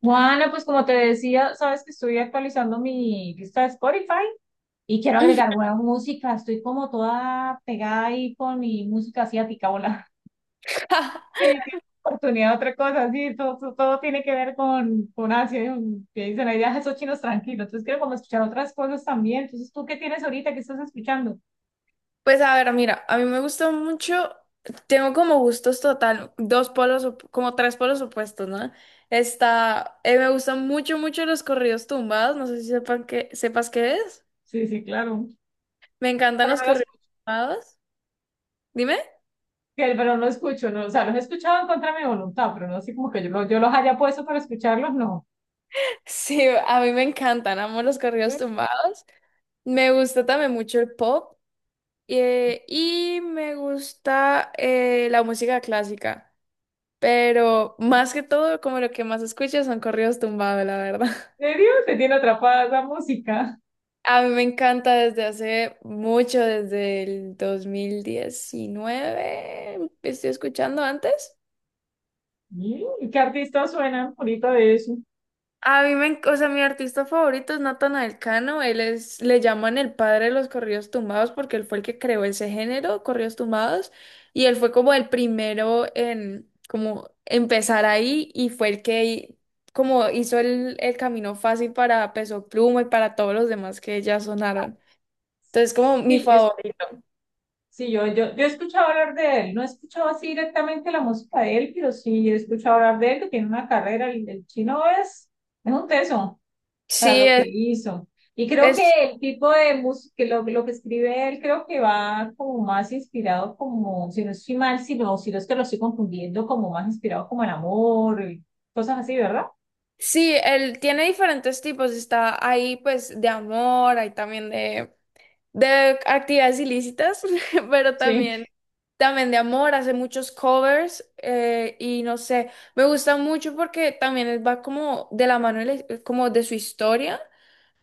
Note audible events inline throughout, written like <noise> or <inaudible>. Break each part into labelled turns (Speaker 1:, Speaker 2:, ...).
Speaker 1: Juana, pues como te decía, sabes que estoy actualizando mi lista de Spotify y quiero agregar
Speaker 2: <laughs>
Speaker 1: buena música. Estoy como toda pegada ahí con mi música asiática, hola. <laughs> Sí, qué oportunidad de otra cosa, sí, todo tiene que ver con Asia, y que dicen ahí, "Ah, esos chinos tranquilos". Entonces quiero como escuchar otras cosas también. Entonces, ¿tú qué tienes ahorita? ¿Qué estás escuchando?
Speaker 2: Pues a ver, mira, a mí me gusta mucho, tengo como gustos total, dos polos, como tres polos opuestos, ¿no? Me gustan mucho, mucho los corridos tumbados, no sé si sepas qué es.
Speaker 1: Sí, sí, claro.
Speaker 2: Me encantan
Speaker 1: Pero
Speaker 2: los
Speaker 1: no los,
Speaker 2: corridos tumbados. Dime. <laughs>
Speaker 1: pero no escucho, no, o sea, los he escuchado en contra de mi voluntad, pero no así como que yo los haya puesto para escucharlos, no.
Speaker 2: Sí, a mí me encantan, amo los corridos tumbados. Me gusta también mucho el pop, y me gusta, la música clásica, pero más que todo, como lo que más escucho son corridos tumbados, la verdad.
Speaker 1: ¿En serio? Te tiene atrapada la música.
Speaker 2: A mí me encanta desde hace mucho, desde el 2019. Estoy escuchando antes.
Speaker 1: Mm, ¿qué artistas suenan ahorita de eso?
Speaker 2: A mí me, enc- O sea, mi artista favorito es Natanael Cano. Le llaman el padre de los corridos tumbados porque él fue el que creó ese género, corridos tumbados, y él fue como el primero en como empezar ahí y fue el que como hizo el camino fácil para Peso Pluma y para todos los demás que ya sonaron. Entonces, como mi
Speaker 1: Sí, yo, es-
Speaker 2: favorito.
Speaker 1: sí, yo he escuchado hablar de él. No he escuchado así directamente la música de él, pero sí he escuchado hablar de él, que tiene una carrera. El chino es un teso para
Speaker 2: Sí,
Speaker 1: lo que hizo. Y creo
Speaker 2: es,
Speaker 1: que el tipo de música, lo que escribe él, creo que va como más inspirado, como, si no estoy mal, si no es que lo estoy confundiendo, como más inspirado como el amor, y cosas así, ¿verdad?
Speaker 2: Sí, él tiene diferentes tipos. Está ahí, pues, de amor, hay también de actividades ilícitas, <laughs> pero también de amor. Hace muchos covers, y no sé, me gusta mucho porque también él va como de la mano, como de su historia.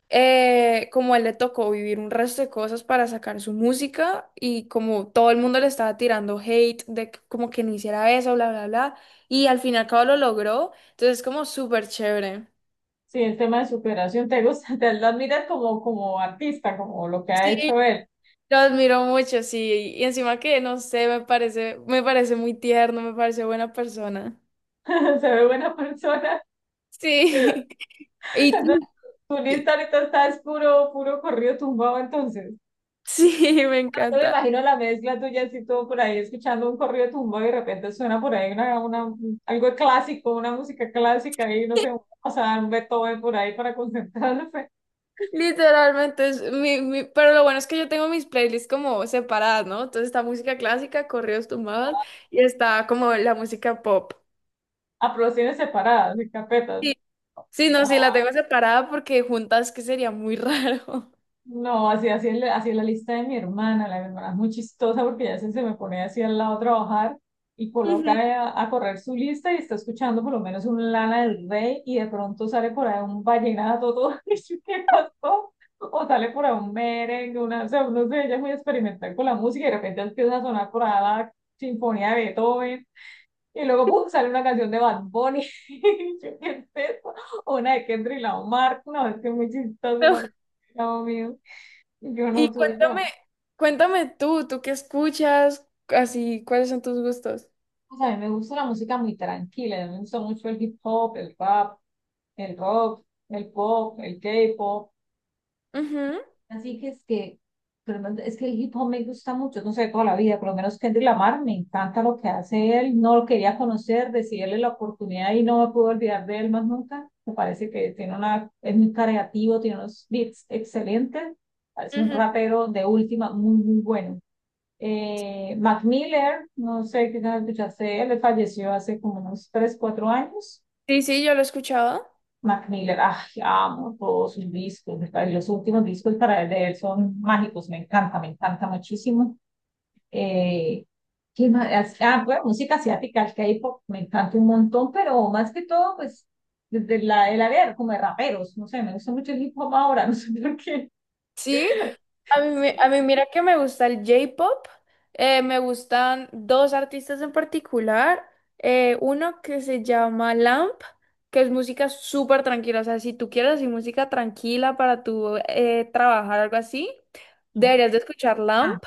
Speaker 2: Como él le tocó vivir un resto de cosas para sacar su música y como todo el mundo le estaba tirando hate de como que no hiciera eso, bla, bla, bla. Y al fin y al cabo lo logró. Entonces, es como súper chévere.
Speaker 1: Sí, el tema de superación te gusta, <laughs> te lo admiras como, como artista, como lo que ha
Speaker 2: Sí,
Speaker 1: hecho él.
Speaker 2: lo admiro mucho, sí. Y encima que, no sé, me parece, muy tierno, me parece buena persona.
Speaker 1: <laughs> Se ve buena persona.
Speaker 2: Sí. <laughs> Y
Speaker 1: Tu
Speaker 2: y-
Speaker 1: lista ahorita está es puro corrido tumbado entonces.
Speaker 2: sí, <laughs> me
Speaker 1: No, no me
Speaker 2: encanta.
Speaker 1: imagino la mezcla tuya así todo por ahí escuchando un corrido tumbado y de repente suena por ahí una, algo clásico, una música clásica y no sé, o sea, un Beethoven por ahí para concentrarse.
Speaker 2: Literalmente es mi. Pero lo bueno es que yo tengo mis playlists como separadas, ¿no? Entonces está música clásica, corridos tumbados, y está como la música pop.
Speaker 1: A producciones separadas, en carpetas.
Speaker 2: Sí, sí, no, sí, la tengo separada porque juntas que sería muy raro.
Speaker 1: No, así es la lista de mi hermana. La de mi hermana es muy chistosa porque se me pone así al lado a trabajar y
Speaker 2: <laughs>
Speaker 1: coloca
Speaker 2: Ujú.
Speaker 1: a correr su lista y está escuchando por lo menos un Lana del Rey y de pronto sale por ahí un vallenato, todo <laughs> eso que pasó, o sale por ahí un merengue, una, o sea, no sé, ella es muy experimental con la música y de repente empieza a sonar por ahí la sinfonía de Beethoven y luego ¡pum! Sale una canción de Bad Bunny. <laughs> Y yo, ¿qué es esto? O una de Kendrick Lamar, no, es que es muy chistoso, no, no, mío. Yo
Speaker 2: Y
Speaker 1: no soy yo.
Speaker 2: cuéntame tú qué escuchas, así, cuáles son tus gustos.
Speaker 1: O sea, a mí me gusta la música muy tranquila, me gusta mucho el hip hop, el rap, el rock, el pop, el K-pop.
Speaker 2: Ujú,
Speaker 1: Así que es que, es que el hip hop me gusta mucho, no sé, toda la vida, por lo menos Kendrick Lamar, me encanta lo que hace él, no lo quería conocer, decidí darle la oportunidad y no me pude olvidar de él más nunca. Me parece que tiene una, es muy creativo, tiene unos beats excelentes, parece un
Speaker 2: ujú.
Speaker 1: rapero de última, muy bueno. Mac Miller, no sé qué tal escuchaste él, falleció hace como unos 3 4 años.
Speaker 2: Sí, sí, yo lo he escuchado.
Speaker 1: Mac Miller, ay, amo todos sus discos, los últimos discos para él, de él son mágicos, me encanta muchísimo. Eh, ¿Qué más? Ah, bueno, música asiática, el K-pop, me encanta un montón, pero más que todo, pues, el área como de raperos, no sé, me gusta mucho el hip hop ahora, <laughs> no sé por qué.
Speaker 2: Sí, a mí mira que me gusta el J-pop. Me gustan dos artistas en particular. Uno que se llama Lamp, que es música súper tranquila. O sea, si tú quieres así música tranquila para tu, trabajar, algo así,
Speaker 1: Ajá.
Speaker 2: deberías de escuchar
Speaker 1: Ah,
Speaker 2: Lamp.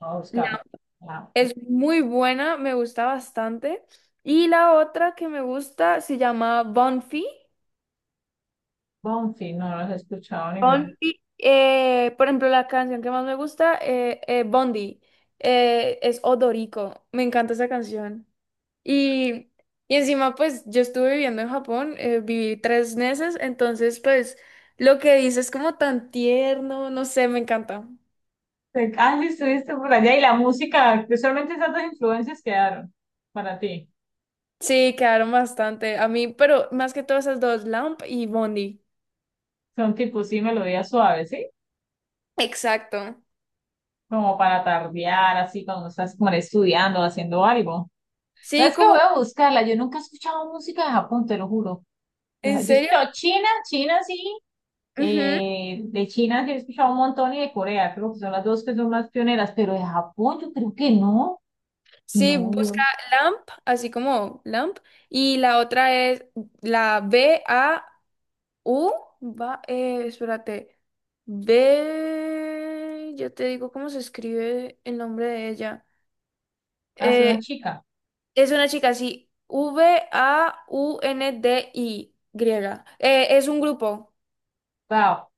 Speaker 1: no, está bien. Ah,
Speaker 2: Es muy buena, me gusta bastante. Y la otra que me gusta se llama Bonfi.
Speaker 1: Bonfi, no, no los he escuchado ninguno.
Speaker 2: Bonfi, por ejemplo, la canción que más me gusta, Bondi, es Odorico. Me encanta esa canción. Y, y encima, pues yo estuve viviendo en Japón, viví 3 meses, entonces, pues lo que dice es como tan tierno, no sé, me encanta.
Speaker 1: Ah, sí, estuviste por allá y la música, que solamente esas dos influencias quedaron para ti.
Speaker 2: Sí, quedaron bastante. A mí, pero más que todas esas dos, Lamp y Bondi.
Speaker 1: Son tipo, sí, melodías suaves, ¿sí?
Speaker 2: Exacto.
Speaker 1: Como para tardear, así, cuando estás como estudiando, haciendo algo.
Speaker 2: Sí,
Speaker 1: ¿Sabes qué? Voy
Speaker 2: como.
Speaker 1: a buscarla. Yo nunca he escuchado música de Japón, te lo juro. Yo
Speaker 2: ¿En
Speaker 1: he
Speaker 2: serio?
Speaker 1: escuchado China, China sí.
Speaker 2: Ujú.
Speaker 1: Eh, de China sí he escuchado un montón y de Corea, creo que son las dos que son más pioneras, pero de Japón yo creo que no.
Speaker 2: Sí,
Speaker 1: No, yo.
Speaker 2: busca Lamp, así como Lamp, y la otra es la B-A-U, va, espérate, B, yo te digo cómo se escribe el nombre de ella.
Speaker 1: Ah, es una
Speaker 2: Eh,
Speaker 1: chica.
Speaker 2: es una chica así, V-A-U-N-D-I, griega. Es un grupo.
Speaker 1: Wow.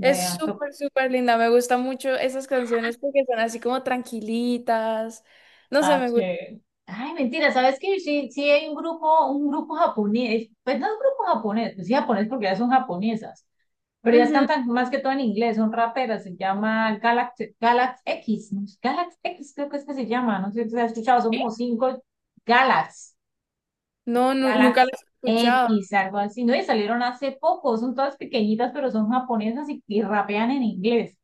Speaker 2: Es
Speaker 1: Vea, to-
Speaker 2: súper, súper linda. Me gustan mucho esas canciones porque son así como tranquilitas. No sé,
Speaker 1: ah,
Speaker 2: me gusta.
Speaker 1: chévere. Ay, mentira, ¿sabes qué? Sí, sí hay un grupo japonés. Pues no es un grupo japonés, pues sí japonés porque ya son japonesas. Pero ellas cantan más que todo en inglés, son raperas, se llama Galax, Galax X, ¿no? Galax X creo que es que se llama, no sé si se ha escuchado, son como cinco Galax,
Speaker 2: No, nunca
Speaker 1: Galax
Speaker 2: los he escuchado.
Speaker 1: X, algo así, ¿no? Y salieron hace poco, son todas pequeñitas, pero son japonesas y rapean en inglés.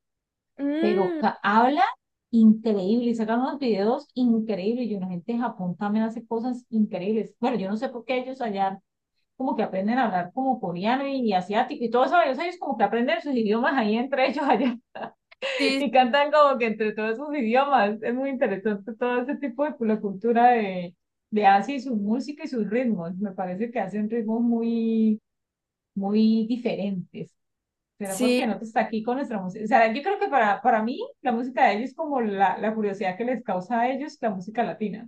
Speaker 2: Mm,
Speaker 1: Habla increíble y sacan unos videos increíbles. Y una gente de Japón también hace cosas increíbles. Bueno, yo no sé por qué ellos allá como que aprenden a hablar como coreano y, asiático y todo eso. Ellos como que aprenden sus idiomas ahí entre ellos allá <laughs>
Speaker 2: sí,
Speaker 1: y cantan como que entre todos sus idiomas. Es muy interesante todo ese tipo de la cultura de Asia y su música y sus ritmos. Me parece que hacen ritmos muy diferentes. ¿Será
Speaker 2: sí,
Speaker 1: porque no está aquí con nuestra música? O sea, yo creo que para mí la música de ellos es como la curiosidad que les causa a ellos la música latina.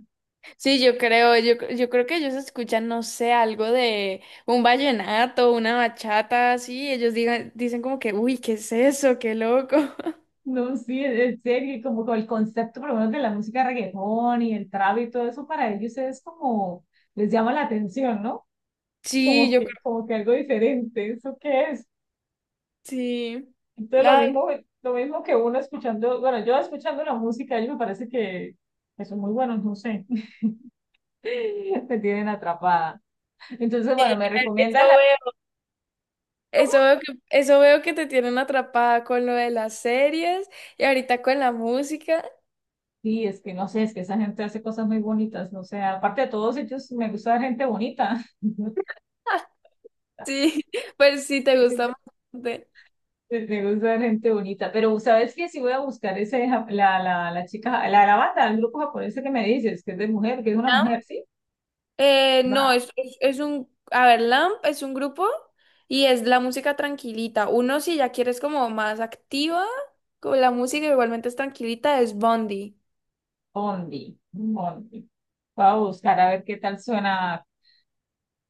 Speaker 2: sí, yo creo, yo creo que ellos escuchan, no sé, algo de un vallenato, una bachata, así, ellos dicen como que, uy, ¿qué es eso? ¡Qué loco! <laughs>
Speaker 1: No, sí, en serio, como con el concepto por lo menos de la música reggaetón y el trap y todo eso para ellos es como, les llama la atención, ¿no?
Speaker 2: Sí, yo creo,
Speaker 1: Como que algo diferente, ¿eso qué es?
Speaker 2: sí.
Speaker 1: Entonces
Speaker 2: Ay,
Speaker 1: lo mismo que uno escuchando, bueno, yo escuchando la música, ellos me parece que son muy buenos, no sé, <laughs> me tienen atrapada. Entonces,
Speaker 2: sí,
Speaker 1: bueno, me
Speaker 2: e,
Speaker 1: recomienda
Speaker 2: eso
Speaker 1: la...
Speaker 2: veo, eso veo que te tienen atrapada con lo de las series y ahorita con la música.
Speaker 1: Sí, es que no sé, es que esa gente hace cosas muy bonitas, no sé, aparte de todos ellos, me gusta ver gente bonita. <laughs>
Speaker 2: <laughs> Sí, pues sí,
Speaker 1: Sí,
Speaker 2: te gusta bastante.
Speaker 1: Me gusta ver gente bonita, pero ¿sabes qué? Si voy a buscar ese, la chica, la banda, el grupo japonés que me dices, que es de mujer, que es una mujer, ¿sí?
Speaker 2: No,
Speaker 1: Va,
Speaker 2: a ver, Lamp es un grupo y es la música tranquilita. Uno si ya quieres como más activa con la música, igualmente es tranquilita, es Bondi.
Speaker 1: Bondi, Bondi. Voy a buscar a ver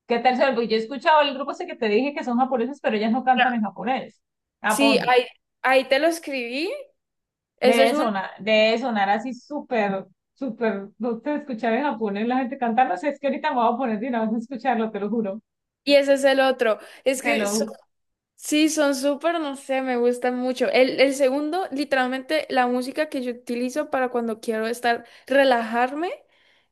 Speaker 1: qué tal suena, porque yo he escuchado el grupo ese que te dije que son japoneses, pero ellas no cantan en japonés. Ah,
Speaker 2: Sí, ahí te lo escribí, ese es
Speaker 1: debe
Speaker 2: uno
Speaker 1: sonar, debe sonar así súper, súper, no te escuchar en japonés la gente cantando, o sea es que ahorita me voy a poner de una vez a escucharlo, te lo juro,
Speaker 2: y ese es el otro. Es
Speaker 1: te lo
Speaker 2: que
Speaker 1: ju-
Speaker 2: sí, son súper, no sé, me gustan mucho. El segundo, literalmente la música que yo utilizo para cuando quiero estar, relajarme.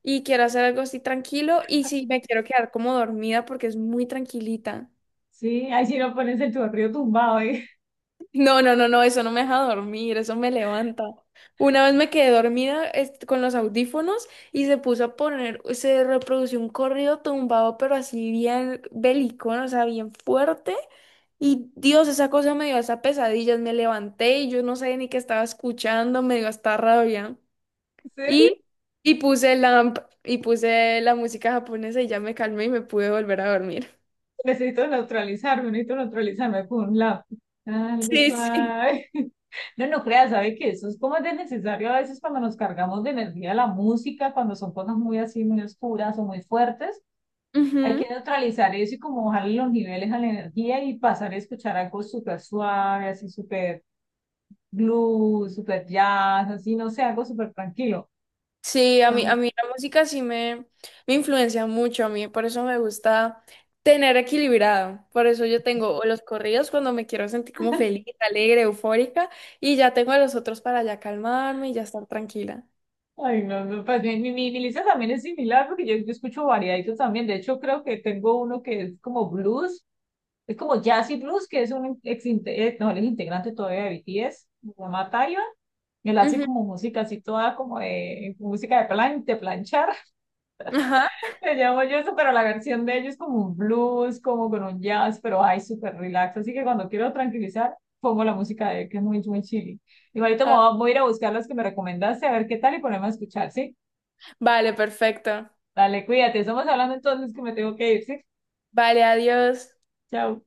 Speaker 2: Y quiero hacer algo así tranquilo y si me quiero quedar como dormida porque es muy tranquilita.
Speaker 1: sí, ahí si no pones el chorrillo tumbado, ¿eh?
Speaker 2: No, no, no, no, eso no me deja dormir, eso me levanta. Una vez me quedé dormida, con los audífonos y se puso a poner, se reprodució un corrido tumbado, pero así bien bélico, ¿no? O sea, bien fuerte. Y Dios, esa cosa me dio hasta pesadillas, me levanté y yo no sabía ni qué estaba escuchando, me dio hasta rabia.
Speaker 1: <laughs> ¿En serio?
Speaker 2: Y, y puse la, y puse la música japonesa y ya me calmé y me pude volver a dormir.
Speaker 1: Necesito neutralizarme con un lado algo
Speaker 2: Sí, sí.
Speaker 1: suave. <laughs> No, no creas, ¿sabe que eso es como de necesario a veces cuando nos cargamos de energía la música, cuando son cosas muy así, muy oscuras o muy fuertes, hay que
Speaker 2: Ujú.
Speaker 1: neutralizar eso y como bajarle los niveles a la energía y pasar a escuchar algo súper suave, así súper blues, súper jazz, así, no sé, algo súper tranquilo.
Speaker 2: Sí, a mí la música sí me influencia mucho, a mí por eso me gusta tener equilibrado, por eso yo tengo o los corridos cuando me quiero sentir como feliz, alegre, eufórica, y ya tengo a los otros para ya calmarme y ya estar tranquila.
Speaker 1: Ay, no, no, pues mi lista también es similar porque yo escucho variaditos también. De hecho, creo que tengo uno que es como blues, es como jazz y blues, que es un no, él es integrante todavía de BTS, se llama Taeyong. Él hace
Speaker 2: Ujú,
Speaker 1: como música así toda como de música de plan, de planchar.
Speaker 2: ajá.
Speaker 1: Le llamo yo eso, pero la versión de ellos como un blues, como con un jazz, pero ay, súper relax. Así que cuando quiero tranquilizar, pongo la música de él, que es muy chili. Igualito me
Speaker 2: Ah,
Speaker 1: voy a voy a ir a buscar las que me recomendaste, a ver qué tal y ponerme a escuchar, ¿sí?
Speaker 2: vale, perfecto.
Speaker 1: Dale, cuídate. Estamos hablando entonces que me tengo que ir, ¿sí?
Speaker 2: Vale, adiós.
Speaker 1: Chao.